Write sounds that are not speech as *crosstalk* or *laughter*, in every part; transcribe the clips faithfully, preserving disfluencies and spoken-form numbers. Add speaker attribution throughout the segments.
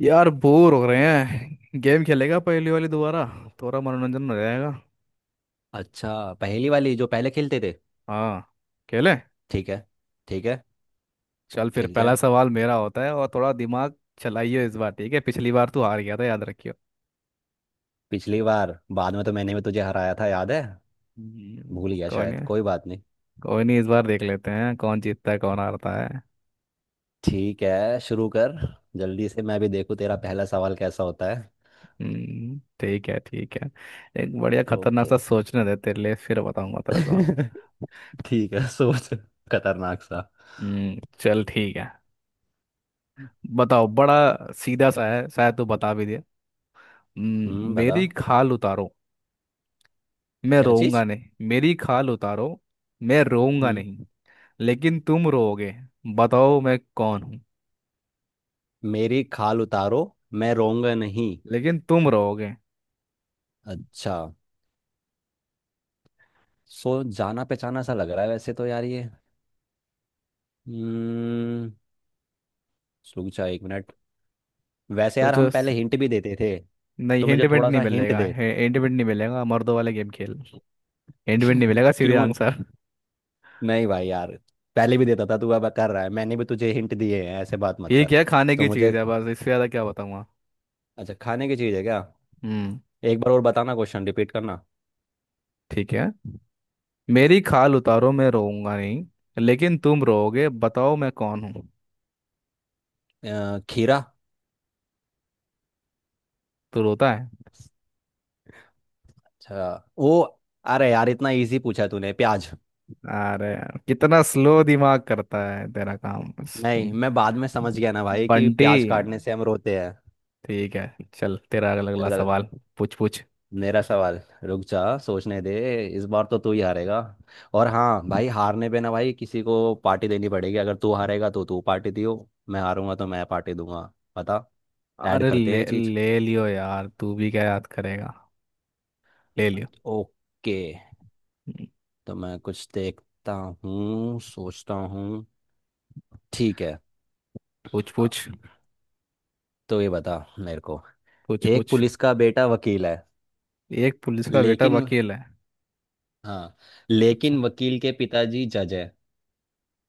Speaker 1: यार बोर हो रहे हैं। गेम खेलेगा? पहली वाली दोबारा, थोड़ा मनोरंजन हो जाएगा।
Speaker 2: अच्छा, पहेली वाली जो पहले खेलते थे।
Speaker 1: हाँ, खेलें।
Speaker 2: ठीक है। ठीक है,
Speaker 1: चल फिर
Speaker 2: खेलते
Speaker 1: पहला
Speaker 2: हैं।
Speaker 1: सवाल मेरा होता है, और थोड़ा दिमाग चलाइए इस बार। ठीक है, पिछली बार तू हार गया था, याद रखियो।
Speaker 2: पिछली बार बाद में तो मैंने भी तुझे हराया था, याद है।
Speaker 1: हम्म,
Speaker 2: भूल गया
Speaker 1: कोई
Speaker 2: शायद,
Speaker 1: नहीं।
Speaker 2: कोई बात नहीं।
Speaker 1: कोई नहीं, इस बार देख लेते हैं कौन जीतता है, कौन हारता है।
Speaker 2: ठीक है, शुरू कर। जल्दी से मैं भी देखूं तेरा पहला सवाल कैसा होता है।
Speaker 1: हम्म, ठीक है ठीक है। एक बढ़िया खतरनाक
Speaker 2: ओके।
Speaker 1: सा सोचने दे तेरे लिए, फिर बताऊंगा तेरे को।
Speaker 2: *laughs* ठीक है, सोच। खतरनाक सा।
Speaker 1: हम्म, चल ठीक है। बताओ, बड़ा सीधा सा है, शायद तू बता भी दे। हम्म,
Speaker 2: हम्म, बता।
Speaker 1: मेरी खाल उतारो, मैं
Speaker 2: क्या
Speaker 1: रोऊंगा
Speaker 2: चीज
Speaker 1: नहीं। मेरी खाल उतारो, मैं रोऊंगा
Speaker 2: हम्म
Speaker 1: नहीं, लेकिन तुम रोओगे। बताओ मैं कौन हूँ?
Speaker 2: मेरी खाल उतारो, मैं रोऊंगा नहीं।
Speaker 1: लेकिन तुम रोओगे।
Speaker 2: अच्छा। सो, जाना पहचाना सा लग रहा है वैसे तो यार ये। हम्म रुक जा, एक मिनट। वैसे यार,
Speaker 1: सोचो
Speaker 2: हम
Speaker 1: स-
Speaker 2: पहले हिंट भी देते थे।
Speaker 1: नहीं,
Speaker 2: तो
Speaker 1: हिंट
Speaker 2: मुझे
Speaker 1: विंट
Speaker 2: थोड़ा
Speaker 1: नहीं
Speaker 2: सा हिंट
Speaker 1: मिलेगा।
Speaker 2: दे।
Speaker 1: हिंट विंट नहीं मिलेगा, मर्दों वाला गेम खेल। हिंट विंट नहीं
Speaker 2: *laughs*
Speaker 1: मिलेगा, सीधे
Speaker 2: क्यों?
Speaker 1: आंसर।
Speaker 2: नहीं भाई यार। पहले भी देता था तू, अब कर रहा है। मैंने भी तुझे हिंट दिए हैं, ऐसे बात मत
Speaker 1: ठीक
Speaker 2: कर।
Speaker 1: है, खाने
Speaker 2: तो
Speaker 1: की
Speaker 2: मुझे
Speaker 1: चीज़ है, बस इससे ज़्यादा क्या बताऊंगा।
Speaker 2: अच्छा, खाने की चीज़ है क्या?
Speaker 1: हम्म।
Speaker 2: एक बार और बताना, क्वेश्चन रिपीट करना।
Speaker 1: ठीक है, मेरी खाल उतारो मैं रोऊंगा नहीं, लेकिन तुम रोओगे। बताओ मैं कौन हूँ?
Speaker 2: अ, खीरा।
Speaker 1: तो रोता है।
Speaker 2: अच्छा वो। अरे यार, इतना इजी पूछा तूने। प्याज।
Speaker 1: अरे यार, कितना स्लो दिमाग करता है तेरा काम।
Speaker 2: नहीं, मैं बाद में समझ गया ना भाई कि
Speaker 1: बंटी।
Speaker 2: प्याज काटने से हम रोते
Speaker 1: ठीक है चल, तेरा अगला अगला
Speaker 2: हैं।
Speaker 1: सवाल। पूछ पूछ।
Speaker 2: मेरा सवाल। रुक जा, सोचने दे। इस बार तो तू ही हारेगा। और हाँ भाई, हारने पे ना भाई किसी को पार्टी देनी पड़ेगी। अगर तू हारेगा तो तू पार्टी दियो। मैं हारूंगा तो मैं पार्टी दूंगा, पता। ऐड
Speaker 1: अरे
Speaker 2: करते हैं
Speaker 1: ले
Speaker 2: ये चीज।
Speaker 1: ले लियो यार, तू भी क्या याद करेगा। ले लियो।
Speaker 2: ओके।
Speaker 1: हम्म,
Speaker 2: तो मैं कुछ देखता हूँ, सोचता हूँ। ठीक है।
Speaker 1: पूछ
Speaker 2: अ,
Speaker 1: पूछ।
Speaker 2: तो ये बता मेरे को।
Speaker 1: पूछ
Speaker 2: एक
Speaker 1: पूछ।
Speaker 2: पुलिस का बेटा वकील है,
Speaker 1: एक पुलिस का बेटा
Speaker 2: लेकिन।
Speaker 1: वकील है।
Speaker 2: हाँ,
Speaker 1: अच्छा।
Speaker 2: लेकिन वकील के पिताजी जज है।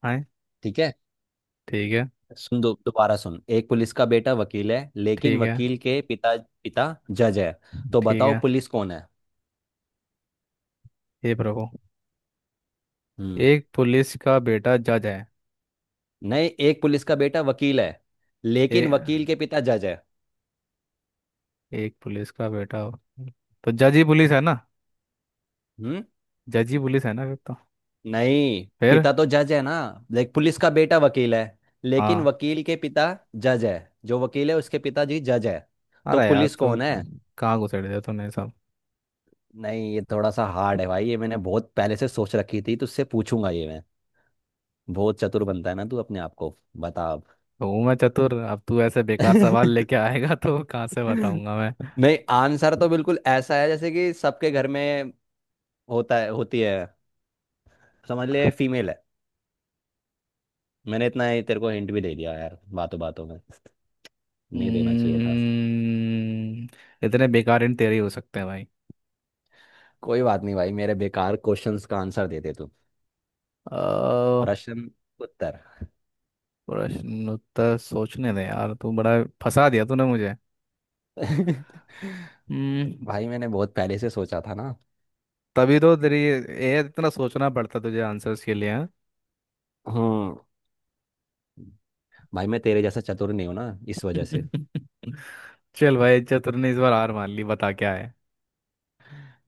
Speaker 1: है।
Speaker 2: ठीक है,
Speaker 1: ठीक है।
Speaker 2: सुन। दो दोबारा सुन, एक पुलिस का बेटा वकील है लेकिन
Speaker 1: ठीक है।
Speaker 2: वकील के पिता पिता जज है। तो
Speaker 1: ठीक
Speaker 2: बताओ,
Speaker 1: है।
Speaker 2: पुलिस कौन है?
Speaker 1: हे प्रभु।
Speaker 2: हम्म
Speaker 1: एक पुलिस का बेटा जज है।
Speaker 2: नहीं, एक पुलिस का बेटा वकील है
Speaker 1: ए,
Speaker 2: लेकिन वकील के पिता जज है।
Speaker 1: एक पुलिस का बेटा वकील। तो जज ही पुलिस है ना।
Speaker 2: हम्म
Speaker 1: जज ही पुलिस है ना फिर तो।
Speaker 2: नहीं,
Speaker 1: फिर।
Speaker 2: पिता तो जज है ना। लाइक, पुलिस का बेटा वकील है लेकिन
Speaker 1: हाँ।
Speaker 2: वकील के पिता जज है। जो वकील है उसके पिताजी जज है। तो
Speaker 1: अरे यार
Speaker 2: पुलिस
Speaker 1: तो,
Speaker 2: कौन है?
Speaker 1: कहाँ घुसेड़ दिया तूने सब।
Speaker 2: नहीं, ये थोड़ा सा हार्ड है भाई। ये मैंने बहुत पहले से सोच रखी थी, तुझसे पूछूंगा ये मैं। बहुत चतुर बनता है ना तू अपने आप को, बता।
Speaker 1: हूँ मैं चतुर, अब तू ऐसे बेकार सवाल
Speaker 2: अब। *laughs*
Speaker 1: लेके आएगा तो कहाँ से बताऊंगा मैं।
Speaker 2: नहीं, आंसर तो बिल्कुल ऐसा है जैसे कि सबके घर में होता है, होती है। समझ ले, फीमेल है। मैंने इतना ही तेरे को हिंट भी दे दिया यार, बातों बातों में। नहीं देना चाहिए था।
Speaker 1: हम्म, इतने बेकार इन तेरे ही हो सकते हैं भाई।
Speaker 2: कोई बात नहीं भाई, मेरे बेकार क्वेश्चंस का आंसर दे दे तू।
Speaker 1: अ,
Speaker 2: प्रश्न, उत्तर।
Speaker 1: प्रश्न उत्तर सोचने दे यार, तू बड़ा फंसा दिया तूने मुझे।
Speaker 2: *laughs*
Speaker 1: हम्म,
Speaker 2: भाई मैंने बहुत पहले से सोचा था ना।
Speaker 1: तभी तो तेरी ये इतना सोचना पड़ता तुझे आंसर्स के लिए, हाँ?
Speaker 2: हम्म। भाई मैं तेरे जैसा चतुर नहीं हूं ना, इस वजह से।
Speaker 1: *laughs* चल भाई, चतुर ने इस बार हार मान ली, बता क्या है।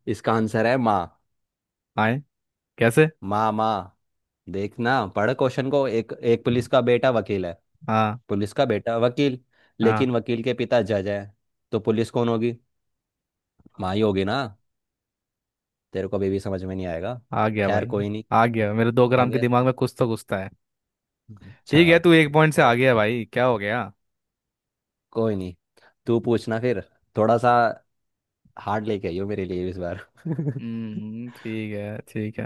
Speaker 2: इसका आंसर है माँ।
Speaker 1: आए। कैसे?
Speaker 2: माँ, माँ। देखना, पढ़ क्वेश्चन को, एक एक पुलिस का बेटा वकील है।
Speaker 1: हाँ
Speaker 2: पुलिस का बेटा वकील,
Speaker 1: हाँ।
Speaker 2: लेकिन वकील के पिता जज है। तो पुलिस कौन होगी? माँ ही होगी ना। तेरे को अभी भी समझ में नहीं आएगा।
Speaker 1: आ गया
Speaker 2: खैर,
Speaker 1: भाई।
Speaker 2: कोई नहीं।
Speaker 1: आ गया, मेरे दो
Speaker 2: आ
Speaker 1: ग्राम के
Speaker 2: गया।
Speaker 1: दिमाग में कुछ तो घुसता है।
Speaker 2: अच्छा।
Speaker 1: ठीक है, तू एक पॉइंट से आ गया भाई, क्या हो गया।
Speaker 2: कोई नहीं, तू पूछना फिर। थोड़ा सा हार्ड लेके आइयो मेरे लिए इस बार। *laughs* हम्म।
Speaker 1: हम्म। ठीक है ठीक है।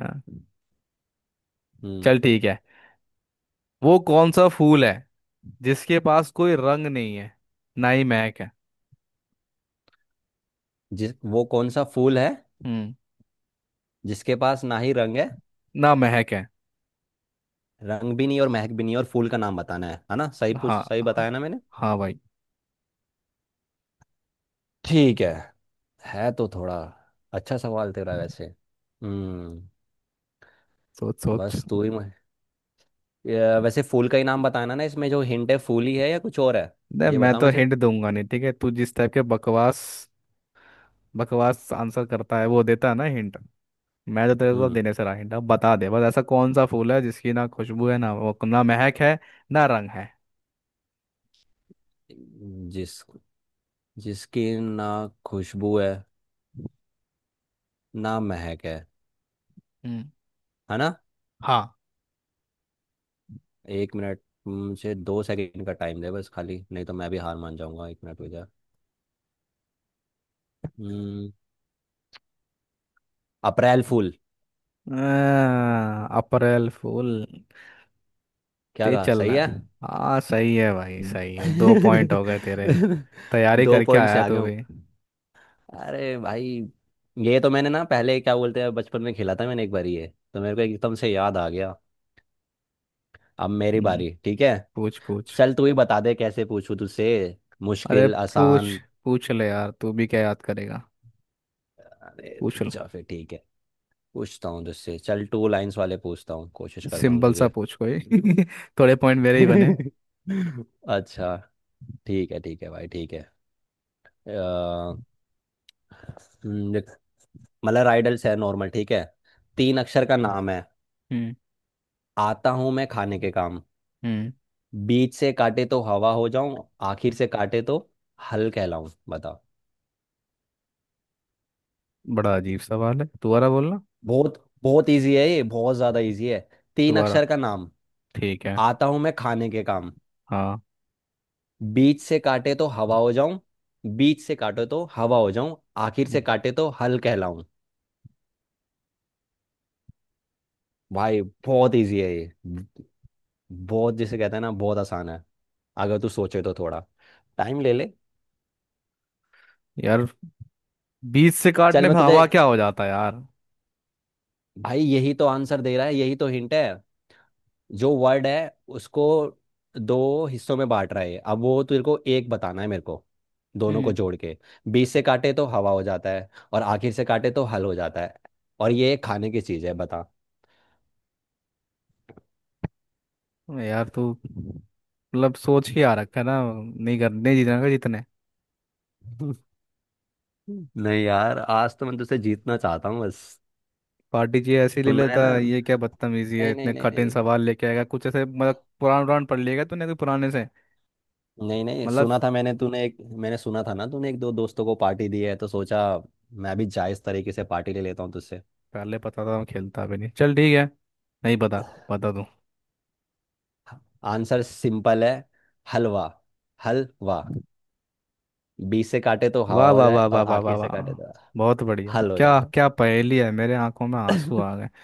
Speaker 1: चल ठीक है। वो कौन सा फूल है जिसके पास कोई रंग नहीं है, ना ही महक है।
Speaker 2: जिस वो कौन सा फूल है
Speaker 1: हम्म।
Speaker 2: जिसके पास ना ही रंग है।
Speaker 1: ना महक है।
Speaker 2: रंग भी नहीं और महक भी नहीं, और फूल का नाम बताना है है ना? सही पूछ
Speaker 1: हाँ
Speaker 2: सही
Speaker 1: हाँ।
Speaker 2: बताया ना मैंने?
Speaker 1: हाँ भाई।
Speaker 2: ठीक है। है तो थोड़ा। अच्छा सवाल तेरा वैसे। हम्म।
Speaker 1: सोच सोच।
Speaker 2: बस तू ही मैं। ये वैसे फूल का ही नाम बताना ना, इसमें जो हिंट है फूल ही है या कुछ और है?
Speaker 1: नहीं,
Speaker 2: ये
Speaker 1: मैं
Speaker 2: बता
Speaker 1: तो
Speaker 2: मुझे।
Speaker 1: हिंट दूंगा नहीं। ठीक है, तू जिस टाइप के बकवास बकवास आंसर करता है, वो देता है ना हिंट। मैं तो तेरे को
Speaker 2: हम्म
Speaker 1: देने से रहा हिंट। अब बता दे बस, ऐसा कौन सा फूल है जिसकी ना खुशबू है, ना वो ना महक है, ना रंग है।
Speaker 2: जिस जिसकी ना खुशबू है, ना महक है
Speaker 1: हम्म।
Speaker 2: है ना?
Speaker 1: हाँ।
Speaker 2: एक मिनट। मुझे दो सेकंड का टाइम दे बस खाली, नहीं तो मैं भी हार मान जाऊंगा। एक मिनट हो जाए। हम्म। अप्रैल फूल।
Speaker 1: आ, अप्रैल फूल।
Speaker 2: क्या
Speaker 1: ते
Speaker 2: कहा?
Speaker 1: चल
Speaker 2: सही
Speaker 1: रहा
Speaker 2: है?
Speaker 1: है। हाँ सही है भाई, सही है, दो पॉइंट हो गए तेरे।
Speaker 2: *laughs*
Speaker 1: तैयारी
Speaker 2: दो
Speaker 1: करके
Speaker 2: पॉइंट से
Speaker 1: आया
Speaker 2: आगे।
Speaker 1: तू भी।
Speaker 2: अरे भाई। ये तो मैंने ना, पहले क्या बोलते हैं, बचपन में खेला था मैंने एक बारी ये। तो मेरे को एकदम से याद आ गया। अब मेरी
Speaker 1: हम्म,
Speaker 2: बारी। ठीक है।
Speaker 1: पूछ पूछ।
Speaker 2: चल, तू ही बता दे कैसे पूछूं तुझसे,
Speaker 1: अरे
Speaker 2: मुश्किल
Speaker 1: पूछ
Speaker 2: आसान।
Speaker 1: पूछ ले यार, तू भी क्या याद करेगा।
Speaker 2: अरे
Speaker 1: पूछ ले।
Speaker 2: चुपचाप फिर, ठीक है। पूछता हूँ तुझसे चल, टू लाइंस वाले पूछता हूँ, कोशिश करता हूँ
Speaker 1: सिंपल सा
Speaker 2: तुझे।
Speaker 1: पूछ कोई। *laughs* थोड़े पॉइंट मेरे ही बने।
Speaker 2: *laughs* अच्छा। ठीक है, ठीक है भाई, ठीक है। अ, हम्म, देख, मतलब राइडल्स है नॉर्मल, ठीक है। तीन अक्षर का नाम है,
Speaker 1: हम्म।
Speaker 2: आता हूँ मैं खाने के काम।
Speaker 1: हम्म।
Speaker 2: बीच से काटे तो हवा हो जाऊं, आखिर से काटे तो हल कहलाऊं। बताओ।
Speaker 1: बड़ा अजीब सवाल है, दोबारा बोलना।
Speaker 2: बहुत बहुत इजी है ये, बहुत ज्यादा इजी है। तीन
Speaker 1: दोबारा।
Speaker 2: अक्षर का नाम,
Speaker 1: ठीक है।
Speaker 2: आता हूं मैं खाने के काम।
Speaker 1: हाँ।
Speaker 2: बीच से काटे तो हवा हो जाऊं, बीच से काटे तो हवा हो जाऊं, आखिर
Speaker 1: हम्म।
Speaker 2: से काटे तो हल कहलाऊं। भाई बहुत इजी है ये, ब- बहुत, जिसे कहते हैं ना, बहुत आसान है। अगर तू सोचे तो थोड़ा टाइम ले ले।
Speaker 1: यार, बीच से
Speaker 2: चल
Speaker 1: काटने
Speaker 2: मैं
Speaker 1: पे
Speaker 2: तुझे।
Speaker 1: हवा क्या हो जाता है यार।
Speaker 2: भाई यही तो आंसर दे रहा है, यही तो हिंट है। जो वर्ड है उसको दो हिस्सों में बांट रहा है, अब वो तेरे को एक बताना है मेरे को, दोनों को
Speaker 1: हम्म।
Speaker 2: जोड़ के। बीच से काटे तो हवा हो जाता है, और आखिर से काटे तो हल हो जाता है। और ये खाने की चीज है, बता।
Speaker 1: यार तू मतलब सोच ही आ रखा है ना, नहीं कर नहीं जीतना का जीतने।
Speaker 2: *laughs* नहीं यार, आज तो मैं तुझसे जीतना चाहता हूँ बस।
Speaker 1: पार्टी जी ऐसे ही ले
Speaker 2: सुना है
Speaker 1: लेता
Speaker 2: ना।
Speaker 1: है, ये क्या बदतमीजी है,
Speaker 2: नहीं, नहीं,
Speaker 1: इतने
Speaker 2: नहीं,
Speaker 1: कठिन
Speaker 2: नहीं।
Speaker 1: सवाल लेके आएगा कुछ ऐसे, मतलब पुराण पुराण पढ़ लिएगा तूने कोई पुराने से।
Speaker 2: नहीं, नहीं
Speaker 1: मतलब,
Speaker 2: सुना था मैंने, तूने एक, मैंने सुना था ना तूने एक दो दोस्तों को पार्टी दी है, तो सोचा मैं भी जायज तरीके से पार्टी ले लेता हूँ तुझसे।
Speaker 1: पहले पता था मैं खेलता भी नहीं। चल ठीक है, नहीं पता, बता दूं।
Speaker 2: आंसर सिंपल है, हलवा। हलवा, बीच से काटे तो
Speaker 1: वाह
Speaker 2: हवा हो
Speaker 1: वाह
Speaker 2: जाए
Speaker 1: वाह
Speaker 2: और
Speaker 1: वाह वाह वाह
Speaker 2: आखिर से
Speaker 1: वाह।
Speaker 2: काटे तो
Speaker 1: बहुत बढ़िया,
Speaker 2: हल हो
Speaker 1: क्या
Speaker 2: जाता।
Speaker 1: क्या पहेली है, मेरे आंखों में आंसू आ गए।
Speaker 2: *laughs*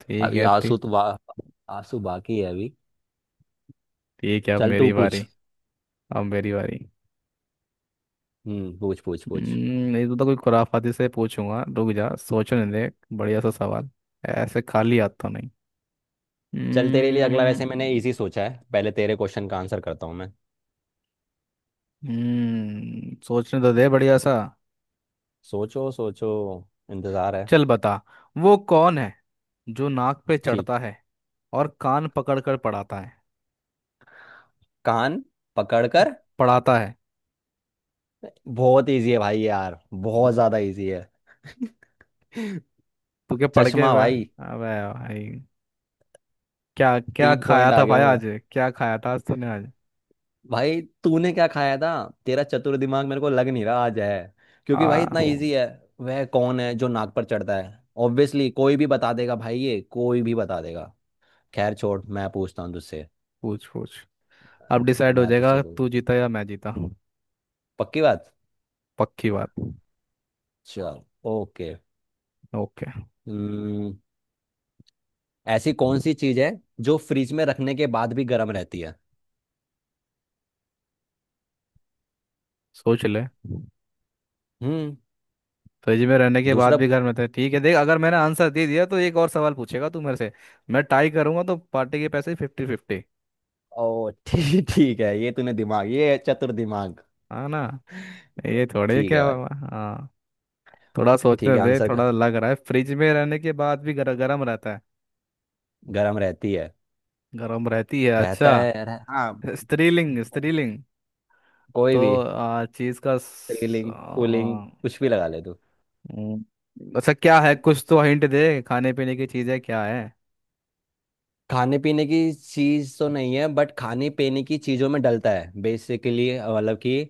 Speaker 1: ठीक
Speaker 2: अभी
Speaker 1: है,
Speaker 2: आंसू
Speaker 1: ठीक।
Speaker 2: तो बा, आंसू बाकी है अभी।
Speaker 1: ठीक है, अब
Speaker 2: चल तू
Speaker 1: मेरी
Speaker 2: पूछ।
Speaker 1: बारी। अब मेरी बारी।
Speaker 2: हम्म पूछ पूछ पूछ।
Speaker 1: हम्म, ये तो, तो कोई खुराफाती से पूछूंगा, रुक जा सोचने दे। बढ़िया सा सवाल। ऐसे खाली हाथ तो नहीं।
Speaker 2: चल, तेरे लिए अगला
Speaker 1: हम्म।
Speaker 2: वैसे मैंने इजी सोचा है, पहले तेरे क्वेश्चन का आंसर करता हूँ मैं।
Speaker 1: हम्म, सोचने तो दे, बढ़िया सा।
Speaker 2: सोचो सोचो, इंतजार है।
Speaker 1: चल बता। वो कौन है जो नाक पे
Speaker 2: ठीक।
Speaker 1: चढ़ता है और कान पकड़ कर पढ़ाता है?
Speaker 2: कान पकड़कर।
Speaker 1: पढ़ाता है।
Speaker 2: बहुत इजी है भाई यार, बहुत ज्यादा इजी है। *laughs*
Speaker 1: तू क्या पढ़ के
Speaker 2: चश्मा
Speaker 1: वे-
Speaker 2: भाई।
Speaker 1: अबे भाई, क्या क्या
Speaker 2: तीन
Speaker 1: खाया
Speaker 2: पॉइंट आ
Speaker 1: था
Speaker 2: गया
Speaker 1: भाई
Speaker 2: हूँ।
Speaker 1: आज। क्या खाया था आज तूने आज।
Speaker 2: भाई तूने क्या खाया था? तेरा चतुर दिमाग मेरे को लग नहीं रहा आज है, क्योंकि भाई
Speaker 1: आ
Speaker 2: इतना इजी है। वह कौन है जो नाक पर चढ़ता है, ऑब्वियसली कोई भी बता देगा भाई, ये कोई भी बता देगा। खैर छोड़, मैं पूछता हूँ तुझसे।
Speaker 1: पूछ पूछ। अब डिसाइड हो
Speaker 2: मैं तुझसे
Speaker 1: जाएगा,
Speaker 2: बोल,
Speaker 1: तू जीता या मैं जीता।
Speaker 2: पक्की बात।
Speaker 1: पक्की बात।
Speaker 2: चल। ओके।
Speaker 1: ओके।
Speaker 2: हम्म ऐसी कौन सी चीज है जो फ्रिज में रखने के बाद भी गर्म रहती है?
Speaker 1: सोच ले।
Speaker 2: हम्म।
Speaker 1: फ्रिज में रहने के बाद
Speaker 2: दूसरा।
Speaker 1: भी घर में थे। ठीक है देख, अगर मैंने आंसर दे दिया तो एक और सवाल पूछेगा तू मेरे से। मैं टाई करूंगा तो पार्टी के पैसे फिफ्टी फिफ्टी।
Speaker 2: ओ, *laughs* ठीक। ठीक है, ये तूने दिमाग, ये है चतुर दिमाग।
Speaker 1: हाँ ना। ये थोड़े
Speaker 2: ठीक
Speaker 1: क्या
Speaker 2: है भाई,
Speaker 1: हुआ? हाँ। थोड़ा
Speaker 2: ठीक
Speaker 1: सोचने
Speaker 2: है।
Speaker 1: दे,
Speaker 2: आंसर।
Speaker 1: थोड़ा लग रहा है फ्रिज में रहने के बाद भी गर, गर्म रहता है।
Speaker 2: गर्म रहती है,
Speaker 1: गर्म रहती है,
Speaker 2: रहता
Speaker 1: अच्छा।
Speaker 2: है यार, हाँ।
Speaker 1: स्त्रीलिंग स्त्रीलिंग।
Speaker 2: कोई
Speaker 1: तो
Speaker 2: भी
Speaker 1: आ, चीज का स-
Speaker 2: सीलिंग कूलिंग
Speaker 1: आ,
Speaker 2: कुछ भी लगा ले तू।
Speaker 1: हम्म, अच्छा क्या है, कुछ तो हिंट दे, खाने पीने की चीजें क्या है।
Speaker 2: खाने पीने की चीज तो नहीं है, बट खाने पीने की चीजों में डलता है बेसिकली, मतलब कि।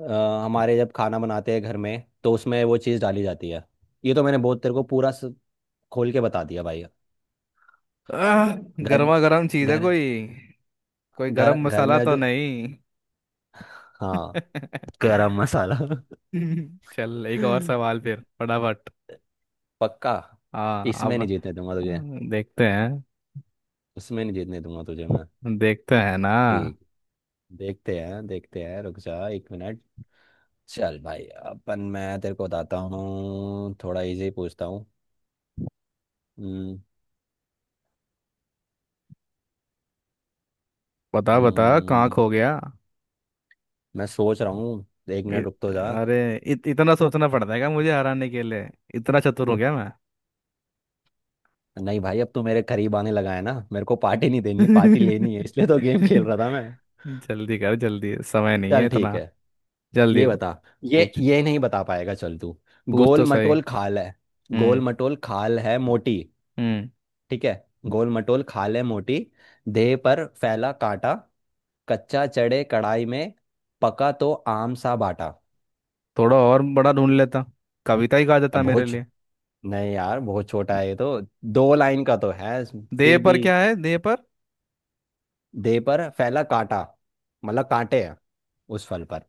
Speaker 2: अ, हमारे जब खाना बनाते हैं घर में तो उसमें वो चीज डाली जाती है। ये तो मैंने बहुत तेरे को पूरा स- खोल के बता दिया भाई।
Speaker 1: आह,
Speaker 2: घर में
Speaker 1: गर्मा गर्म चीज है
Speaker 2: घर
Speaker 1: कोई। कोई
Speaker 2: घर
Speaker 1: गरम
Speaker 2: घर
Speaker 1: मसाला
Speaker 2: में
Speaker 1: तो
Speaker 2: जो,
Speaker 1: नहीं?
Speaker 2: हाँ।
Speaker 1: *laughs*
Speaker 2: गरम मसाला।
Speaker 1: चल एक और सवाल
Speaker 2: *laughs*
Speaker 1: फिर फटाफट।
Speaker 2: पक्का।
Speaker 1: हाँ
Speaker 2: इसमें
Speaker 1: अब।
Speaker 2: नहीं जीतने दूंगा तुझे।
Speaker 1: हाँ, देखते हैं।
Speaker 2: उसमें नहीं जीतने दूंगा तुझे मैं।
Speaker 1: देखते हैं ना।
Speaker 2: ठीक। देखते हैं, देखते हैं, रुक जा एक मिनट। चल भाई अपन, मैं तेरे को बताता हूँ, थोड़ा इजी पूछता हूँ। हम्म,
Speaker 1: बता बता, कहाँ
Speaker 2: हम्म,
Speaker 1: खो गया।
Speaker 2: मैं सोच रहा हूँ, एक
Speaker 1: इ,
Speaker 2: मिनट रुक तो जा।
Speaker 1: अरे इत, इतना सोचना पड़ता है क्या मुझे हराने के लिए? इतना चतुर हो गया मैं।
Speaker 2: नहीं भाई, अब तू मेरे करीब आने लगा है ना, मेरे को पार्टी नहीं देनी, पार्टी लेनी है, इसलिए
Speaker 1: *laughs*
Speaker 2: तो गेम खेल रहा था मैं।
Speaker 1: जल्दी कर जल्दी, समय नहीं है
Speaker 2: चल ठीक है,
Speaker 1: इतना। जल्दी।
Speaker 2: ये बता। ये
Speaker 1: पूछ,
Speaker 2: ये नहीं बता पाएगा, चल तू।
Speaker 1: पूछ तो
Speaker 2: गोल
Speaker 1: सही।
Speaker 2: मटोल खाल है। गोल
Speaker 1: हम्म।
Speaker 2: मटोल खाल है मोटी।
Speaker 1: हम्म।
Speaker 2: ठीक है। गोल मटोल खाल है मोटी, देह पर फैला कांटा, कच्चा चढ़े कढ़ाई में, पका तो आम सा बाटा।
Speaker 1: थोड़ा और बड़ा ढूंढ लेता, कविता ही गा
Speaker 2: अब
Speaker 1: देता मेरे
Speaker 2: बहुत छो-
Speaker 1: लिए।
Speaker 2: नहीं यार, बहुत छोटा है ये तो, दो लाइन का तो है।
Speaker 1: देह
Speaker 2: फिर भी,
Speaker 1: पर क्या है देह पर?
Speaker 2: देह पर फैला कांटा, मतलब कांटे हैं उस फल पर।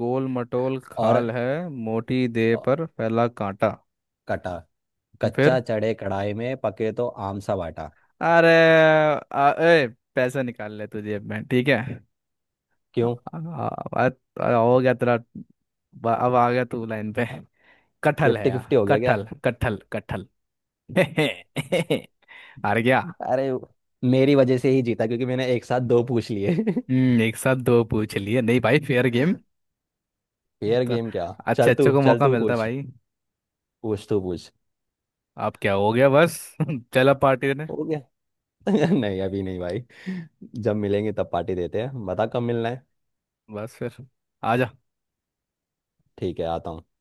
Speaker 1: गोल मटोल
Speaker 2: और
Speaker 1: खाल है मोटी, देह
Speaker 2: अ,
Speaker 1: पर फैला कांटा।
Speaker 2: कटा,
Speaker 1: फिर।
Speaker 2: कच्चा चढ़े कढ़ाई में, पके तो आम सा बाटा।
Speaker 1: अरे। आ, ए, पैसे निकाल ले तू जेब में, ठीक है?
Speaker 2: क्यों?
Speaker 1: आ, आ, आ, हो गया तेरा। ब- अब आ गया तू लाइन पे। कटहल है
Speaker 2: फिफ्टी फिफ्टी
Speaker 1: यार,
Speaker 2: हो गया क्या?
Speaker 1: कटहल कटहल कटहल। *laughs* हार गया।
Speaker 2: अरे, मेरी वजह से ही जीता क्योंकि मैंने एक साथ दो पूछ लिए। *laughs*
Speaker 1: हम्म, एक साथ दो पूछ लिए? नहीं भाई, फेयर गेम। ये
Speaker 2: फेयर
Speaker 1: तो,
Speaker 2: गेम क्या?
Speaker 1: अच्छे
Speaker 2: चल तू,
Speaker 1: अच्छे को
Speaker 2: चल
Speaker 1: मौका
Speaker 2: तू
Speaker 1: मिलता है
Speaker 2: पूछ।
Speaker 1: भाई।
Speaker 2: पूछ तू पूछ।
Speaker 1: आप क्या हो गया बस। *laughs* चला पार्टी ने।
Speaker 2: हो गया। *laughs* नहीं, अभी नहीं भाई। जब मिलेंगे तब पार्टी देते हैं, बता कब मिलना है?
Speaker 1: बस फिर, आजा।
Speaker 2: ठीक है, आता हूँ।